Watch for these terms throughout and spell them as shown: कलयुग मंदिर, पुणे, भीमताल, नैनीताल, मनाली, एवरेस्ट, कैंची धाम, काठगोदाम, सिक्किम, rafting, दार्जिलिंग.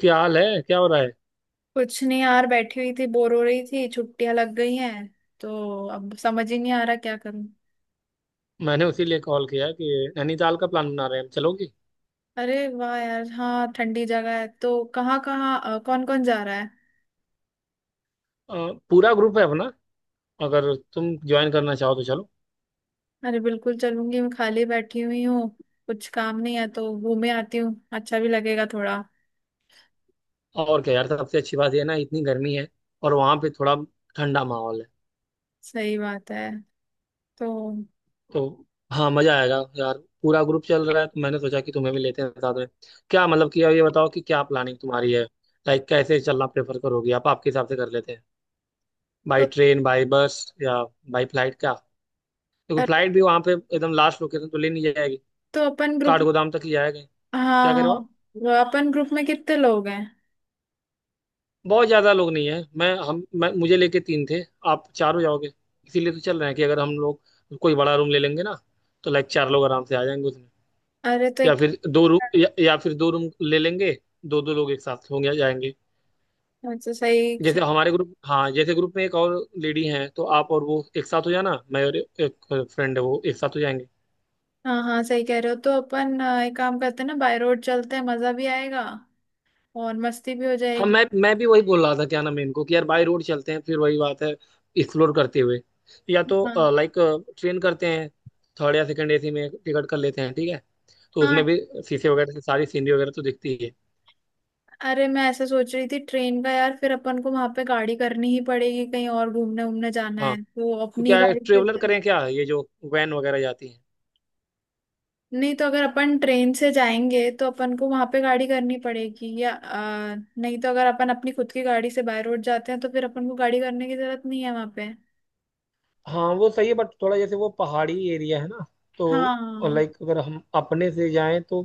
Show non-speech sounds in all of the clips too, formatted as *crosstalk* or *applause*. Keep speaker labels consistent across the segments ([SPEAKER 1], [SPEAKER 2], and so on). [SPEAKER 1] क्या हाल है, क्या हो रहा है?
[SPEAKER 2] कुछ नहीं यार, बैठी हुई थी, बोर हो रही थी, छुट्टियां लग गई हैं तो अब समझ ही नहीं आ रहा क्या करूं।
[SPEAKER 1] मैंने उसी लिए कॉल किया कि नैनीताल का प्लान बना रहे हैं हम, चलोगी?
[SPEAKER 2] अरे वाह यार। हाँ, ठंडी जगह है तो कहाँ कहाँ कौन कौन जा रहा है?
[SPEAKER 1] अ, पूरा ग्रुप है अपना, अगर तुम ज्वाइन करना चाहो तो चलो।
[SPEAKER 2] अरे बिल्कुल चलूंगी, मैं खाली बैठी हुई हूँ। कुछ काम नहीं है तो घूमे आती हूँ, अच्छा भी लगेगा थोड़ा।
[SPEAKER 1] और क्या यार, सबसे अच्छी बात ये है ना, इतनी गर्मी है और वहाँ पे थोड़ा ठंडा माहौल है।
[SPEAKER 2] सही बात है। तो
[SPEAKER 1] तो हाँ, मजा आएगा यार। पूरा ग्रुप चल रहा है, तो मैंने सोचा कि तुम्हें भी लेते हैं साथ में। क्या मतलब कि अब ये बताओ कि क्या प्लानिंग तुम्हारी है, लाइक कैसे चलना प्रेफर करोगी आप? आपके हिसाब से कर लेते हैं। बाई
[SPEAKER 2] तो
[SPEAKER 1] ट्रेन, बाई बस या बाई फ्लाइट, क्या? देखो, फ्लाइट भी वहाँ पे एकदम लास्ट लोकेशन तो ले नहीं जाएगी,
[SPEAKER 2] तो अपन ग्रुप।
[SPEAKER 1] काठगोदाम तक ही जाएगा। क्या करे
[SPEAKER 2] हाँ,
[SPEAKER 1] हो आप?
[SPEAKER 2] वो अपन ग्रुप में कितने लोग हैं?
[SPEAKER 1] बहुत ज्यादा लोग नहीं है, मैं हम मैं मुझे लेके तीन थे, आप चार हो जाओगे। इसीलिए तो चल रहे हैं कि अगर हम लोग कोई बड़ा रूम ले लेंगे ना, तो लाइक चार लोग आराम से आ जाएंगे उसमें।
[SPEAKER 2] अरे तो
[SPEAKER 1] या
[SPEAKER 2] एक।
[SPEAKER 1] फिर दो रूम, या फिर दो रूम ले लेंगे, दो दो लोग एक साथ होंगे या जाएंगे।
[SPEAKER 2] अच्छा, सही
[SPEAKER 1] जैसे
[SPEAKER 2] सही।
[SPEAKER 1] हमारे ग्रुप, हाँ जैसे ग्रुप में एक और लेडी हैं, तो आप और वो एक साथ हो जाना, मैं और एक फ्रेंड है वो एक साथ हो जाएंगे।
[SPEAKER 2] हाँ हाँ, सही कह रहे हो। तो अपन एक काम करते हैं ना, बाय रोड चलते हैं, मजा भी आएगा और मस्ती भी हो
[SPEAKER 1] हाँ,
[SPEAKER 2] जाएगी।
[SPEAKER 1] मैं भी वही बोल रहा था क्या नाम है इनको, कि यार बाई रोड चलते हैं, फिर वही बात है, एक्सप्लोर करते हुए। या
[SPEAKER 2] हाँ
[SPEAKER 1] तो लाइक ट्रेन करते हैं, थर्ड या सेकंड एसी में टिकट कर लेते हैं, ठीक है? तो उसमें
[SPEAKER 2] हाँ।
[SPEAKER 1] भी शीशे वगैरह से सारी सीनरी वगैरह तो दिखती ही है।
[SPEAKER 2] अरे, मैं ऐसे सोच रही थी ट्रेन का यार, फिर अपन को वहां पे गाड़ी करनी ही पड़ेगी, कहीं और घूमने घूमने जाना
[SPEAKER 1] हाँ,
[SPEAKER 2] है तो
[SPEAKER 1] तो
[SPEAKER 2] अपनी
[SPEAKER 1] क्या है,
[SPEAKER 2] गाड़ी से।
[SPEAKER 1] ट्रेवलर करें क्या, ये जो वैन वगैरह जाती है?
[SPEAKER 2] नहीं, तो अगर अपन ट्रेन से जाएंगे तो अपन को वहां पे गाड़ी करनी पड़ेगी, या नहीं तो अगर अपन अपनी खुद की गाड़ी से बाय रोड जाते हैं तो फिर अपन को गाड़ी करने की जरूरत नहीं है वहां पे।
[SPEAKER 1] हाँ वो सही है, बट थोड़ा जैसे वो पहाड़ी एरिया है ना, तो
[SPEAKER 2] हाँ।
[SPEAKER 1] लाइक अगर हम अपने से जाएं तो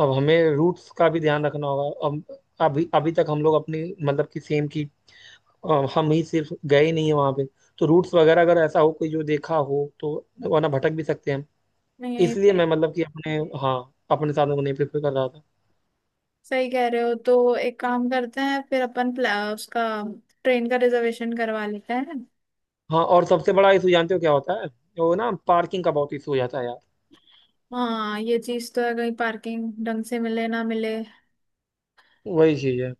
[SPEAKER 1] अब हमें रूट्स का भी ध्यान रखना होगा। अब अभी अभी तक हम लोग अपनी, मतलब कि सेम की, हम ही सिर्फ गए नहीं है वहां पे, तो रूट्स वगैरह अगर ऐसा हो कोई जो देखा हो तो, वरना भटक भी सकते हैं हम।
[SPEAKER 2] नहीं,
[SPEAKER 1] इसलिए मैं मतलब कि अपने, हाँ, अपने साधन को नहीं प्रेफर कर रहा था।
[SPEAKER 2] सही कह रहे हो। तो एक काम करते हैं, फिर अपन उसका ट्रेन का रिजर्वेशन करवा लेते हैं।
[SPEAKER 1] हाँ और सबसे बड़ा इशू जानते हो क्या होता है? वो ना, पार्किंग का बहुत इशू हो जाता है यार।
[SPEAKER 2] हाँ, ये चीज तो है, कहीं पार्किंग ढंग से मिले ना मिले।
[SPEAKER 1] वही चीज है,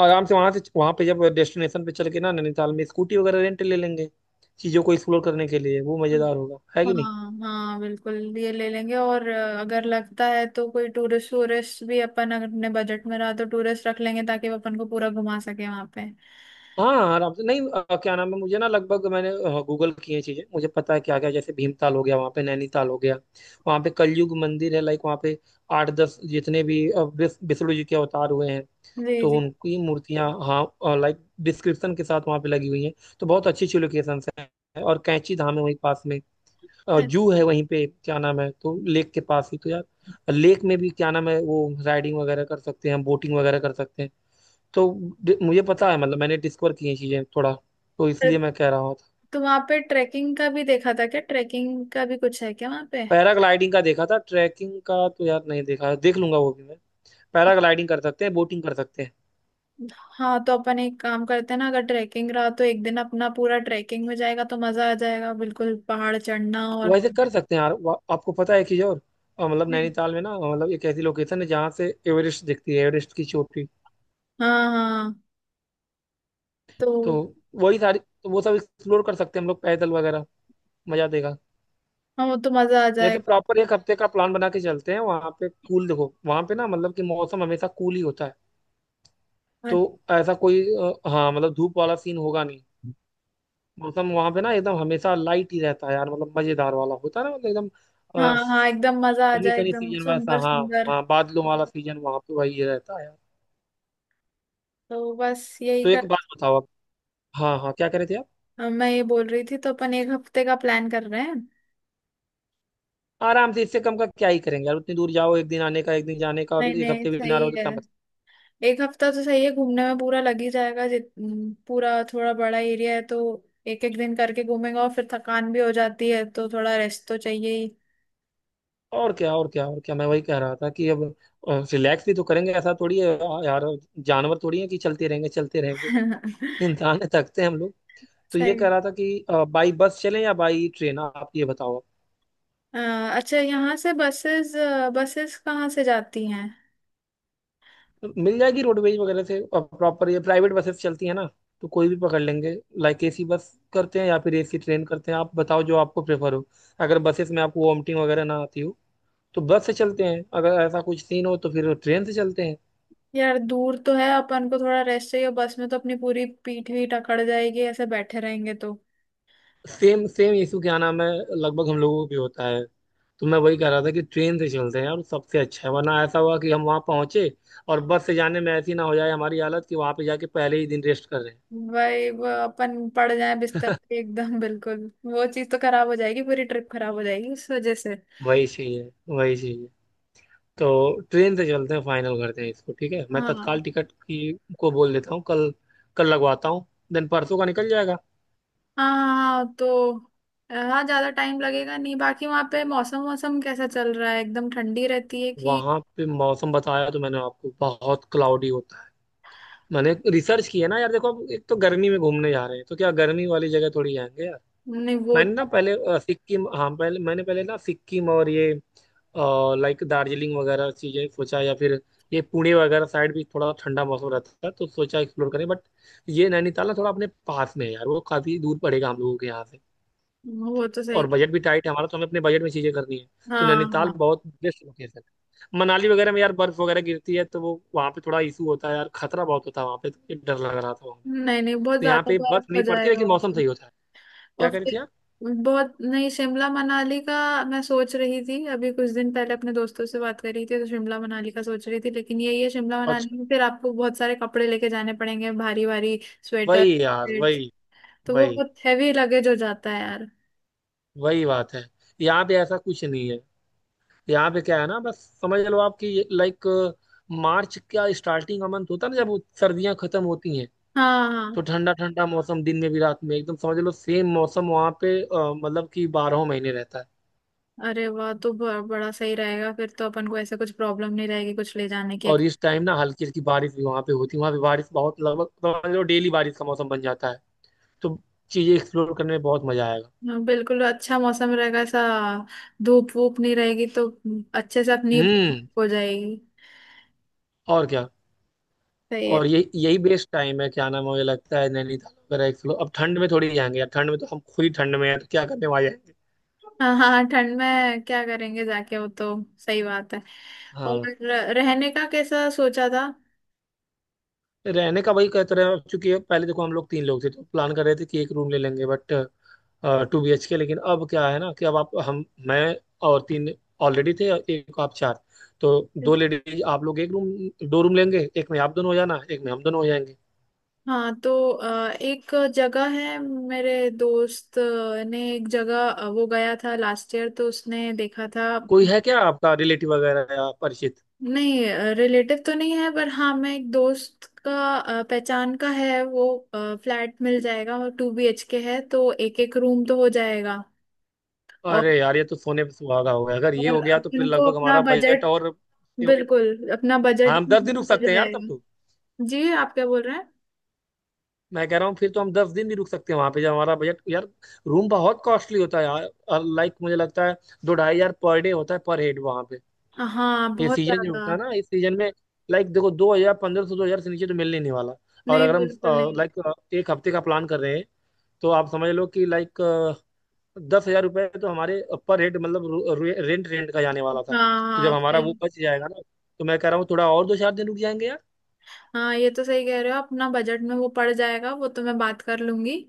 [SPEAKER 1] आराम से वहां से, वहां पे जब डेस्टिनेशन पे चल के ना, नैनीताल में स्कूटी वगैरह रेंट ले लेंगे चीजों को एक्सप्लोर करने के लिए, वो मजेदार होगा है कि नहीं?
[SPEAKER 2] हाँ हाँ बिल्कुल, ये ले लेंगे। और अगर लगता है तो कोई टूरिस्ट, टूरिस्ट भी अपन अगर अपने बजट में रहा तो टूरिस्ट रख लेंगे ताकि वो अपन को पूरा घुमा सके वहाँ पे।
[SPEAKER 1] हाँ हाँ, आराम से। नहीं क्या नाम है, मुझे ना लगभग मैंने गूगल की है चीजें, मुझे पता है क्या क्या। जैसे भीमताल हो गया, वहाँ पे नैनीताल हो गया, वहाँ पे कलयुग मंदिर है, लाइक वहाँ पे आठ दस जितने भी विष्णु जी के अवतार हुए हैं
[SPEAKER 2] जी
[SPEAKER 1] तो
[SPEAKER 2] जी।
[SPEAKER 1] उनकी मूर्तियाँ, हाँ लाइक डिस्क्रिप्शन के साथ वहाँ पे लगी हुई हैं, तो बहुत अच्छी अच्छी लोकेशन है। और कैंची धाम है वहीं पास में,
[SPEAKER 2] अ,
[SPEAKER 1] जू है वहीं पे, क्या नाम है, तो लेक के पास ही तो यार। लेक में भी क्या नाम है, वो राइडिंग वगैरह कर सकते हैं, बोटिंग वगैरह कर सकते हैं। तो मुझे पता है, मतलब मैंने डिस्कवर की हैं चीजें थोड़ा, तो
[SPEAKER 2] तो
[SPEAKER 1] इसलिए मैं कह रहा हूँ।
[SPEAKER 2] तो वहाँ पे ट्रैकिंग का भी देखा था क्या, ट्रैकिंग का भी कुछ है क्या वहाँ पे?
[SPEAKER 1] पैराग्लाइडिंग का देखा था, ट्रैकिंग का तो यार नहीं देखा है, देख लूंगा वो भी मैं। पैराग्लाइडिंग कर सकते हैं, बोटिंग कर सकते हैं,
[SPEAKER 2] हाँ, तो अपन एक काम करते हैं ना, अगर ट्रैकिंग रहा तो एक दिन अपना पूरा ट्रैकिंग में जाएगा, तो मजा आ जाएगा बिल्कुल, पहाड़ चढ़ना और।
[SPEAKER 1] वैसे कर सकते हैं यार। आपको पता है कि और मतलब नैनीताल में ना, मतलब एक ऐसी लोकेशन है जहाँ से एवरेस्ट दिखती है, एवरेस्ट की चोटी।
[SPEAKER 2] हाँ हाँ। तो।
[SPEAKER 1] तो वही सारी, तो वो सब एक्सप्लोर कर सकते हैं हम लोग, पैदल वगैरह, मजा देगा।
[SPEAKER 2] हाँ, वो तो मजा आ
[SPEAKER 1] जैसे
[SPEAKER 2] जाएगा।
[SPEAKER 1] प्रॉपर एक हफ्ते का प्लान बना के चलते हैं। वहां पे कूल, देखो वहां पे ना मतलब कि मौसम हमेशा कूल ही होता है। तो ऐसा कोई हाँ मतलब धूप वाला सीन होगा नहीं। मौसम वहां पे ना एकदम हमेशा लाइट ही रहता है यार, मतलब मजेदार वाला होता है ना, मतलब एकदम
[SPEAKER 2] हाँ हाँ, एकदम मजा आ
[SPEAKER 1] सनी
[SPEAKER 2] जाए,
[SPEAKER 1] सनी
[SPEAKER 2] एकदम
[SPEAKER 1] सीजन वैसा,
[SPEAKER 2] सुंदर
[SPEAKER 1] हाँ।
[SPEAKER 2] सुंदर।
[SPEAKER 1] हाँ, बादलों वाला सीजन वहां पे वही रहता है यार।
[SPEAKER 2] तो बस यही
[SPEAKER 1] तो एक
[SPEAKER 2] कर।
[SPEAKER 1] बात बताओ आप। हाँ हाँ, क्या कह रहे थे आप?
[SPEAKER 2] मैं ये बोल रही थी, तो अपन एक हफ्ते का प्लान कर रहे हैं।
[SPEAKER 1] आराम से, इससे कम का क्या ही करेंगे यार। उतनी दूर जाओ, एक दिन आने का, एक दिन जाने का, और
[SPEAKER 2] नहीं
[SPEAKER 1] एक
[SPEAKER 2] नहीं,
[SPEAKER 1] हफ्ते भी ना रहो
[SPEAKER 2] सही
[SPEAKER 1] तो
[SPEAKER 2] है।
[SPEAKER 1] क्या मतलब।
[SPEAKER 2] एक हफ्ता तो सही है, घूमने में पूरा लग ही जाएगा, जित पूरा थोड़ा बड़ा एरिया है तो। एक एक दिन करके घूमेंगे और फिर थकान भी हो जाती है तो थोड़ा रेस्ट तो चाहिए ही।
[SPEAKER 1] और क्या, मैं वही कह रहा था कि अब रिलैक्स भी तो करेंगे, ऐसा थोड़ी है यार, जानवर थोड़ी है कि चलते रहेंगे चलते रहेंगे।
[SPEAKER 2] *laughs*
[SPEAKER 1] इंसान है, थकते हैं हम लोग। तो ये कह
[SPEAKER 2] सही।
[SPEAKER 1] रहा था कि बाई बस चलें या बाई ट्रेन, आप ये बताओ।
[SPEAKER 2] अ, अच्छा, यहाँ से बसेस बसेस कहाँ से जाती हैं?
[SPEAKER 1] तो मिल जाएगी रोडवेज वगैरह से प्रॉपर, ये प्राइवेट बसेस चलती है ना, तो कोई भी पकड़ लेंगे। लाइक एसी बस करते हैं या फिर एसी ट्रेन करते हैं, आप बताओ जो आपको प्रेफर हो। अगर बसेस में आपको वॉमिटिंग वगैरह ना आती हो तो बस से चलते हैं, अगर ऐसा कुछ सीन हो तो फिर ट्रेन से चलते हैं।
[SPEAKER 2] यार दूर तो है, अपन को थोड़ा रेस्ट चाहिए, बस में तो अपनी पूरी पीठ भी अकड़ जाएगी ऐसे बैठे रहेंगे तो।
[SPEAKER 1] सेम सेम इशू क्या नाम है, लगभग हम लोगों को भी होता है। तो मैं वही कह रहा था कि ट्रेन से चलते हैं यार, सबसे अच्छा है, वरना ऐसा हुआ कि हम वहां पहुंचे और बस से जाने में ऐसी ना हो जाए हमारी हालत कि वहां पे जाके पहले ही दिन रेस्ट कर रहे हैं।
[SPEAKER 2] वही, वो अपन पड़ जाए बिस्तर पे एकदम *laughs* बिल्कुल, वो चीज तो खराब हो जाएगी, पूरी ट्रिप खराब हो जाएगी उस वजह से।
[SPEAKER 1] वही चाहिए, वही चाहिए। तो ट्रेन से चलते हैं, फाइनल करते हैं इसको, ठीक है। मैं
[SPEAKER 2] हाँ हाँ
[SPEAKER 1] तत्काल टिकट की को बोल देता हूँ, कल, कल लगवाता हूँ, देन परसों का निकल जाएगा।
[SPEAKER 2] हाँ, तो हाँ, ज्यादा टाइम लगेगा नहीं। बाकी वहाँ पे मौसम, मौसम कैसा चल रहा है, एकदम ठंडी रहती है कि।
[SPEAKER 1] वहां पे मौसम, बताया तो मैंने आपको, बहुत क्लाउडी होता है। मैंने रिसर्च किया ना यार, देखो अब एक तो गर्मी में घूमने जा रहे हैं, तो क्या गर्मी वाली जगह थोड़ी जाएंगे यार।
[SPEAKER 2] नहीं, वो
[SPEAKER 1] मैंने ना
[SPEAKER 2] तो,
[SPEAKER 1] पहले सिक्किम, हाँ पहले मैंने, पहले ना सिक्किम और ये लाइक दार्जिलिंग वगैरह चीजें सोचा, या फिर ये पुणे वगैरह साइड भी थोड़ा ठंडा मौसम रहता है तो सोचा एक्सप्लोर करें, बट ये नैनीताल ना थोड़ा अपने पास में है यार, वो काफी दूर पड़ेगा हम लोगों के यहाँ से।
[SPEAKER 2] वो तो सही।
[SPEAKER 1] और बजट भी टाइट है हमारा, तो हमें अपने बजट में चीजें करनी है। तो
[SPEAKER 2] हाँ
[SPEAKER 1] नैनीताल
[SPEAKER 2] हाँ।
[SPEAKER 1] बहुत बेस्ट लोकेशन है। मनाली वगैरह में यार बर्फ वगैरह गिरती है, तो वो वहाँ पे थोड़ा इशू होता है यार, खतरा बहुत होता है वहाँ पे, तो ये डर लग रहा था वहाँ पे।
[SPEAKER 2] नहीं नहीं, बहुत
[SPEAKER 1] तो यहाँ
[SPEAKER 2] ज्यादा
[SPEAKER 1] पे बर्फ
[SPEAKER 2] बर्फ हो
[SPEAKER 1] नहीं पड़ती,
[SPEAKER 2] जाएगा
[SPEAKER 1] लेकिन
[SPEAKER 2] वो
[SPEAKER 1] मौसम
[SPEAKER 2] तो।
[SPEAKER 1] सही होता है। क्या
[SPEAKER 2] और
[SPEAKER 1] कह रही थी
[SPEAKER 2] फिर,
[SPEAKER 1] आप?
[SPEAKER 2] बहुत नहीं, शिमला मनाली का। मैं सोच रही थी, अभी कुछ दिन पहले अपने दोस्तों से बात कर रही थी, तो शिमला मनाली का सोच रही थी, लेकिन यही है शिमला
[SPEAKER 1] अच्छा,
[SPEAKER 2] मनाली में फिर आपको बहुत सारे कपड़े लेके जाने पड़ेंगे, भारी भारी स्वेटर,
[SPEAKER 1] वही यार
[SPEAKER 2] jackets,
[SPEAKER 1] वही
[SPEAKER 2] तो वो
[SPEAKER 1] वही
[SPEAKER 2] बहुत हैवी लगेज हो जाता है यार।
[SPEAKER 1] वही बात है। यहाँ पे ऐसा कुछ नहीं है, यहाँ पे क्या है ना, बस समझ लो आपकी, लाइक मार्च का स्टार्टिंग का मंथ होता है ना जब सर्दियां खत्म होती हैं,
[SPEAKER 2] हाँ हाँ।
[SPEAKER 1] तो ठंडा ठंडा मौसम, दिन में भी रात में एकदम, समझ लो सेम मौसम वहाँ पे मतलब कि 12 महीने रहता है।
[SPEAKER 2] अरे वाह, तो बड़ा सही रहेगा फिर तो, अपन को ऐसे कुछ प्रॉब्लम नहीं रहेगी कुछ ले जाने की।
[SPEAKER 1] और इस टाइम ना हल्की हल्की बारिश भी वहाँ पे होती है, वहाँ पे बारिश बहुत, लगभग समझ लो डेली बारिश का मौसम बन जाता है। तो चीजें एक्सप्लोर करने में बहुत मजा आएगा।
[SPEAKER 2] हाँ, बिल्कुल अच्छा मौसम रहेगा ऐसा, धूप वूप नहीं रहेगी, तो अच्छे से अपनी
[SPEAKER 1] हम्म,
[SPEAKER 2] हो जाएगी।
[SPEAKER 1] और क्या।
[SPEAKER 2] सही
[SPEAKER 1] और
[SPEAKER 2] है।
[SPEAKER 1] ये यही बेस्ट टाइम है, क्या नाम है, मुझे लगता है नैनीताल वगैरह एक फ्लो। अब ठंड में थोड़ी जाएंगे यार, ठंड में तो हम खुद ही ठंड में हैं, तो क्या करने वहाँ जाएंगे।
[SPEAKER 2] हाँ हाँ हाँ, ठंड में क्या करेंगे जाके, वो तो सही बात है। और
[SPEAKER 1] हाँ।
[SPEAKER 2] रहने का कैसा सोचा था?
[SPEAKER 1] रहने का वही कहते रहे, अब चूंकि पहले देखो हम लोग तीन लोग थे, तो प्लान कर रहे थे कि एक रूम ले लेंगे, but two B H K. लेकिन अब क्या है ना, कि अब आप, हम, मैं और तीन ऑलरेडी थे और एक आप, चार। तो दो लेडीज आप लोग एक रूम, दो रूम लेंगे, एक में आप दोनों हो जाना, एक में हम दोनों हो जाएंगे।
[SPEAKER 2] हाँ, तो एक जगह है, मेरे दोस्त ने एक जगह, वो गया था लास्ट ईयर, तो उसने देखा था।
[SPEAKER 1] कोई है क्या आपका रिलेटिव वगैरह या परिचित?
[SPEAKER 2] नहीं, रिलेटिव तो नहीं है, पर हाँ, मैं एक दोस्त का, पहचान का है वो। फ्लैट मिल जाएगा और 2BHK है, तो एक एक रूम तो हो जाएगा। और
[SPEAKER 1] अरे यार, ये तो सोने पे सुहागा हो गया, अगर ये हो
[SPEAKER 2] और
[SPEAKER 1] गया तो फिर
[SPEAKER 2] अपन को
[SPEAKER 1] लगभग
[SPEAKER 2] अपना
[SPEAKER 1] हमारा बजट,
[SPEAKER 2] बजट,
[SPEAKER 1] और
[SPEAKER 2] बिल्कुल अपना
[SPEAKER 1] हाँ,
[SPEAKER 2] बजट
[SPEAKER 1] हम 10 दिन रुक
[SPEAKER 2] मिल
[SPEAKER 1] सकते हैं यार तब तो।
[SPEAKER 2] जाएगा। जी, आप क्या बोल रहे हैं?
[SPEAKER 1] मैं कह रहा हूँ फिर तो हम 10 दिन भी रुक सकते हैं वहां पे, जब हमारा बजट यार। रूम बहुत कॉस्टली होता है यार, लाइक मुझे लगता है दो ढाई हजार पर डे होता है पर हेड वहां पे,
[SPEAKER 2] हाँ,
[SPEAKER 1] ये
[SPEAKER 2] बहुत
[SPEAKER 1] सीजन जो
[SPEAKER 2] ज्यादा।
[SPEAKER 1] होता है ना, इस सीजन में। लाइक देखो दो हजार, पंद्रह सौ दो हजार से नीचे तो मिलने ही नहीं वाला। और
[SPEAKER 2] नहीं,
[SPEAKER 1] अगर हम
[SPEAKER 2] बिल्कुल नहीं।
[SPEAKER 1] लाइक एक हफ्ते का प्लान कर रहे हैं, तो आप समझ लो कि लाइक 10,000 रुपये तो हमारे पर हेड, मतलब रू- रे, रेंट रेंट का जाने वाला था।
[SPEAKER 2] हाँ
[SPEAKER 1] तो
[SPEAKER 2] हाँ,
[SPEAKER 1] जब
[SPEAKER 2] आप
[SPEAKER 1] हमारा
[SPEAKER 2] सही।
[SPEAKER 1] वो बच जाएगा ना, तो मैं कह रहा हूँ थोड़ा और दो चार दिन रुक जाएंगे यार।
[SPEAKER 2] हाँ, ये तो सही कह रहे हो, अपना बजट में वो पड़ जाएगा, वो तो मैं बात कर लूंगी।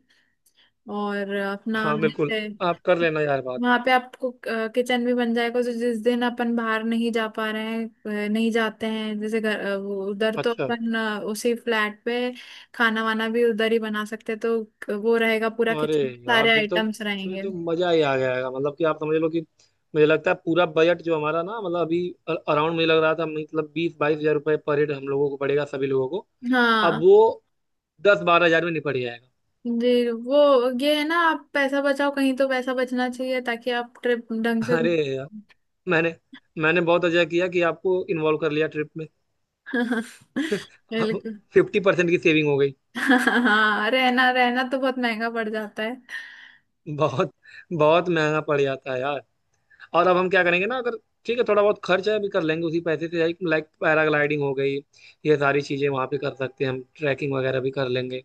[SPEAKER 2] और अपना
[SPEAKER 1] हाँ बिल्कुल,
[SPEAKER 2] जैसे।
[SPEAKER 1] आप कर लेना यार बात।
[SPEAKER 2] वहां पे आपको किचन भी बन जाएगा, तो जिस दिन अपन बाहर नहीं जा पा रहे हैं, नहीं जाते हैं जैसे घर, वो उधर तो
[SPEAKER 1] अच्छा,
[SPEAKER 2] अपन उसी फ्लैट पे खाना वाना भी उधर ही बना सकते हैं, तो वो रहेगा पूरा
[SPEAKER 1] अरे
[SPEAKER 2] किचन,
[SPEAKER 1] यार,
[SPEAKER 2] सारे
[SPEAKER 1] फिर तो
[SPEAKER 2] आइटम्स
[SPEAKER 1] फिर
[SPEAKER 2] रहेंगे।
[SPEAKER 1] तो मजा ही आ जाएगा। मतलब कि आप समझ लो कि मुझे लगता है पूरा बजट जो हमारा ना, मतलब अभी अराउंड मुझे लग रहा था, मतलब बीस बाईस हजार रुपये पर हेड हम लोगों को पड़ेगा सभी लोगों को। अब
[SPEAKER 2] हाँ।
[SPEAKER 1] वो दस बारह हजार में निपट जाएगा।
[SPEAKER 2] जी वो, ये है ना, आप पैसा बचाओ कहीं, तो पैसा बचना चाहिए ताकि आप ट्रिप ढंग
[SPEAKER 1] *laughs*
[SPEAKER 2] से
[SPEAKER 1] अरे
[SPEAKER 2] घूम।
[SPEAKER 1] यार, मैंने मैंने बहुत अच्छा किया कि आपको इन्वॉल्व कर लिया ट्रिप।
[SPEAKER 2] *laughs*
[SPEAKER 1] अब
[SPEAKER 2] बिल्कुल।
[SPEAKER 1] 50% की सेविंग हो गई।
[SPEAKER 2] हाँ, रहना रहना तो बहुत महंगा पड़ जाता है।
[SPEAKER 1] बहुत, बहुत महंगा पड़ जाता है यार। और अब हम क्या करेंगे ना, अगर ठीक है थोड़ा बहुत खर्च है भी कर लेंगे उसी पैसे से, लाइक लाइक पैराग्लाइडिंग हो गई, ये सारी चीजें वहां पे कर सकते हैं हम, ट्रैकिंग वगैरह भी कर लेंगे।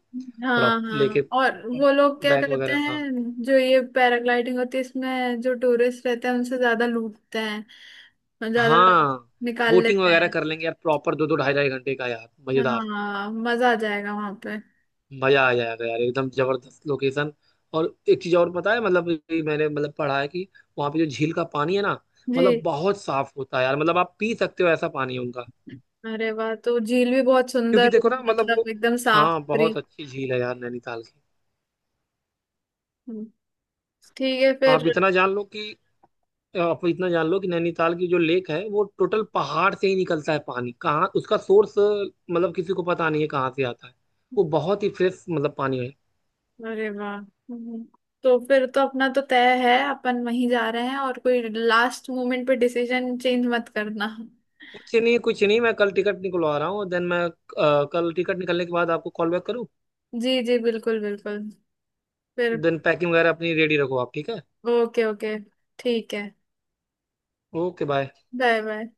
[SPEAKER 1] थोड़ा
[SPEAKER 2] हाँ
[SPEAKER 1] लेके
[SPEAKER 2] हाँ। और वो लोग क्या
[SPEAKER 1] बैग
[SPEAKER 2] करते
[SPEAKER 1] वगैरह, हाँ
[SPEAKER 2] हैं, जो ये पैराग्लाइडिंग होती है इसमें, जो टूरिस्ट रहते हैं उनसे ज्यादा लूटते हैं, और ज्यादा
[SPEAKER 1] हाँ।
[SPEAKER 2] निकाल
[SPEAKER 1] बोटिंग
[SPEAKER 2] लेते
[SPEAKER 1] वगैरह
[SPEAKER 2] हैं।
[SPEAKER 1] कर लेंगे यार, प्रॉपर दो दो ढाई ढाई घंटे का यार, मजेदार,
[SPEAKER 2] हाँ, मजा आ जाएगा वहां पे।
[SPEAKER 1] मजा आ जाएगा यार एकदम जबरदस्त लोकेशन। और एक चीज और पता है, मतलब ये मैंने, मतलब पढ़ा है कि वहां पे जो झील का पानी है ना,
[SPEAKER 2] जी।
[SPEAKER 1] मतलब बहुत साफ होता है यार, मतलब आप पी सकते हो ऐसा पानी है उनका।
[SPEAKER 2] अरे वाह, तो झील भी बहुत
[SPEAKER 1] क्योंकि
[SPEAKER 2] सुंदर
[SPEAKER 1] देखो
[SPEAKER 2] होगी,
[SPEAKER 1] ना मतलब
[SPEAKER 2] मतलब
[SPEAKER 1] वो,
[SPEAKER 2] एकदम साफ
[SPEAKER 1] हाँ
[SPEAKER 2] सुथरी।
[SPEAKER 1] बहुत अच्छी झील है यार नैनीताल की।
[SPEAKER 2] हम्म, ठीक है फिर।
[SPEAKER 1] आप इतना जान लो कि, आप इतना जान लो कि नैनीताल की जो लेक है, वो टोटल पहाड़ से ही निकलता है पानी, कहाँ उसका सोर्स मतलब किसी को पता नहीं है, कहाँ से आता है। वो बहुत ही फ्रेश मतलब पानी है।
[SPEAKER 2] अरे वाह। तो फिर तो अपना तो तय है, अपन वहीं जा रहे हैं, और कोई लास्ट मोमेंट पे डिसीजन चेंज मत करना।
[SPEAKER 1] कुछ नहीं कुछ नहीं, मैं कल टिकट निकलवा रहा हूँ, देन मैं कल टिकट निकलने के बाद आपको कॉल बैक करूँ।
[SPEAKER 2] जी जी, बिल्कुल बिल्कुल। फिर।
[SPEAKER 1] देन पैकिंग वगैरह अपनी रेडी रखो आप, ठीक है।
[SPEAKER 2] ओके ओके, ठीक है।
[SPEAKER 1] Okay, bye.
[SPEAKER 2] Bye bye.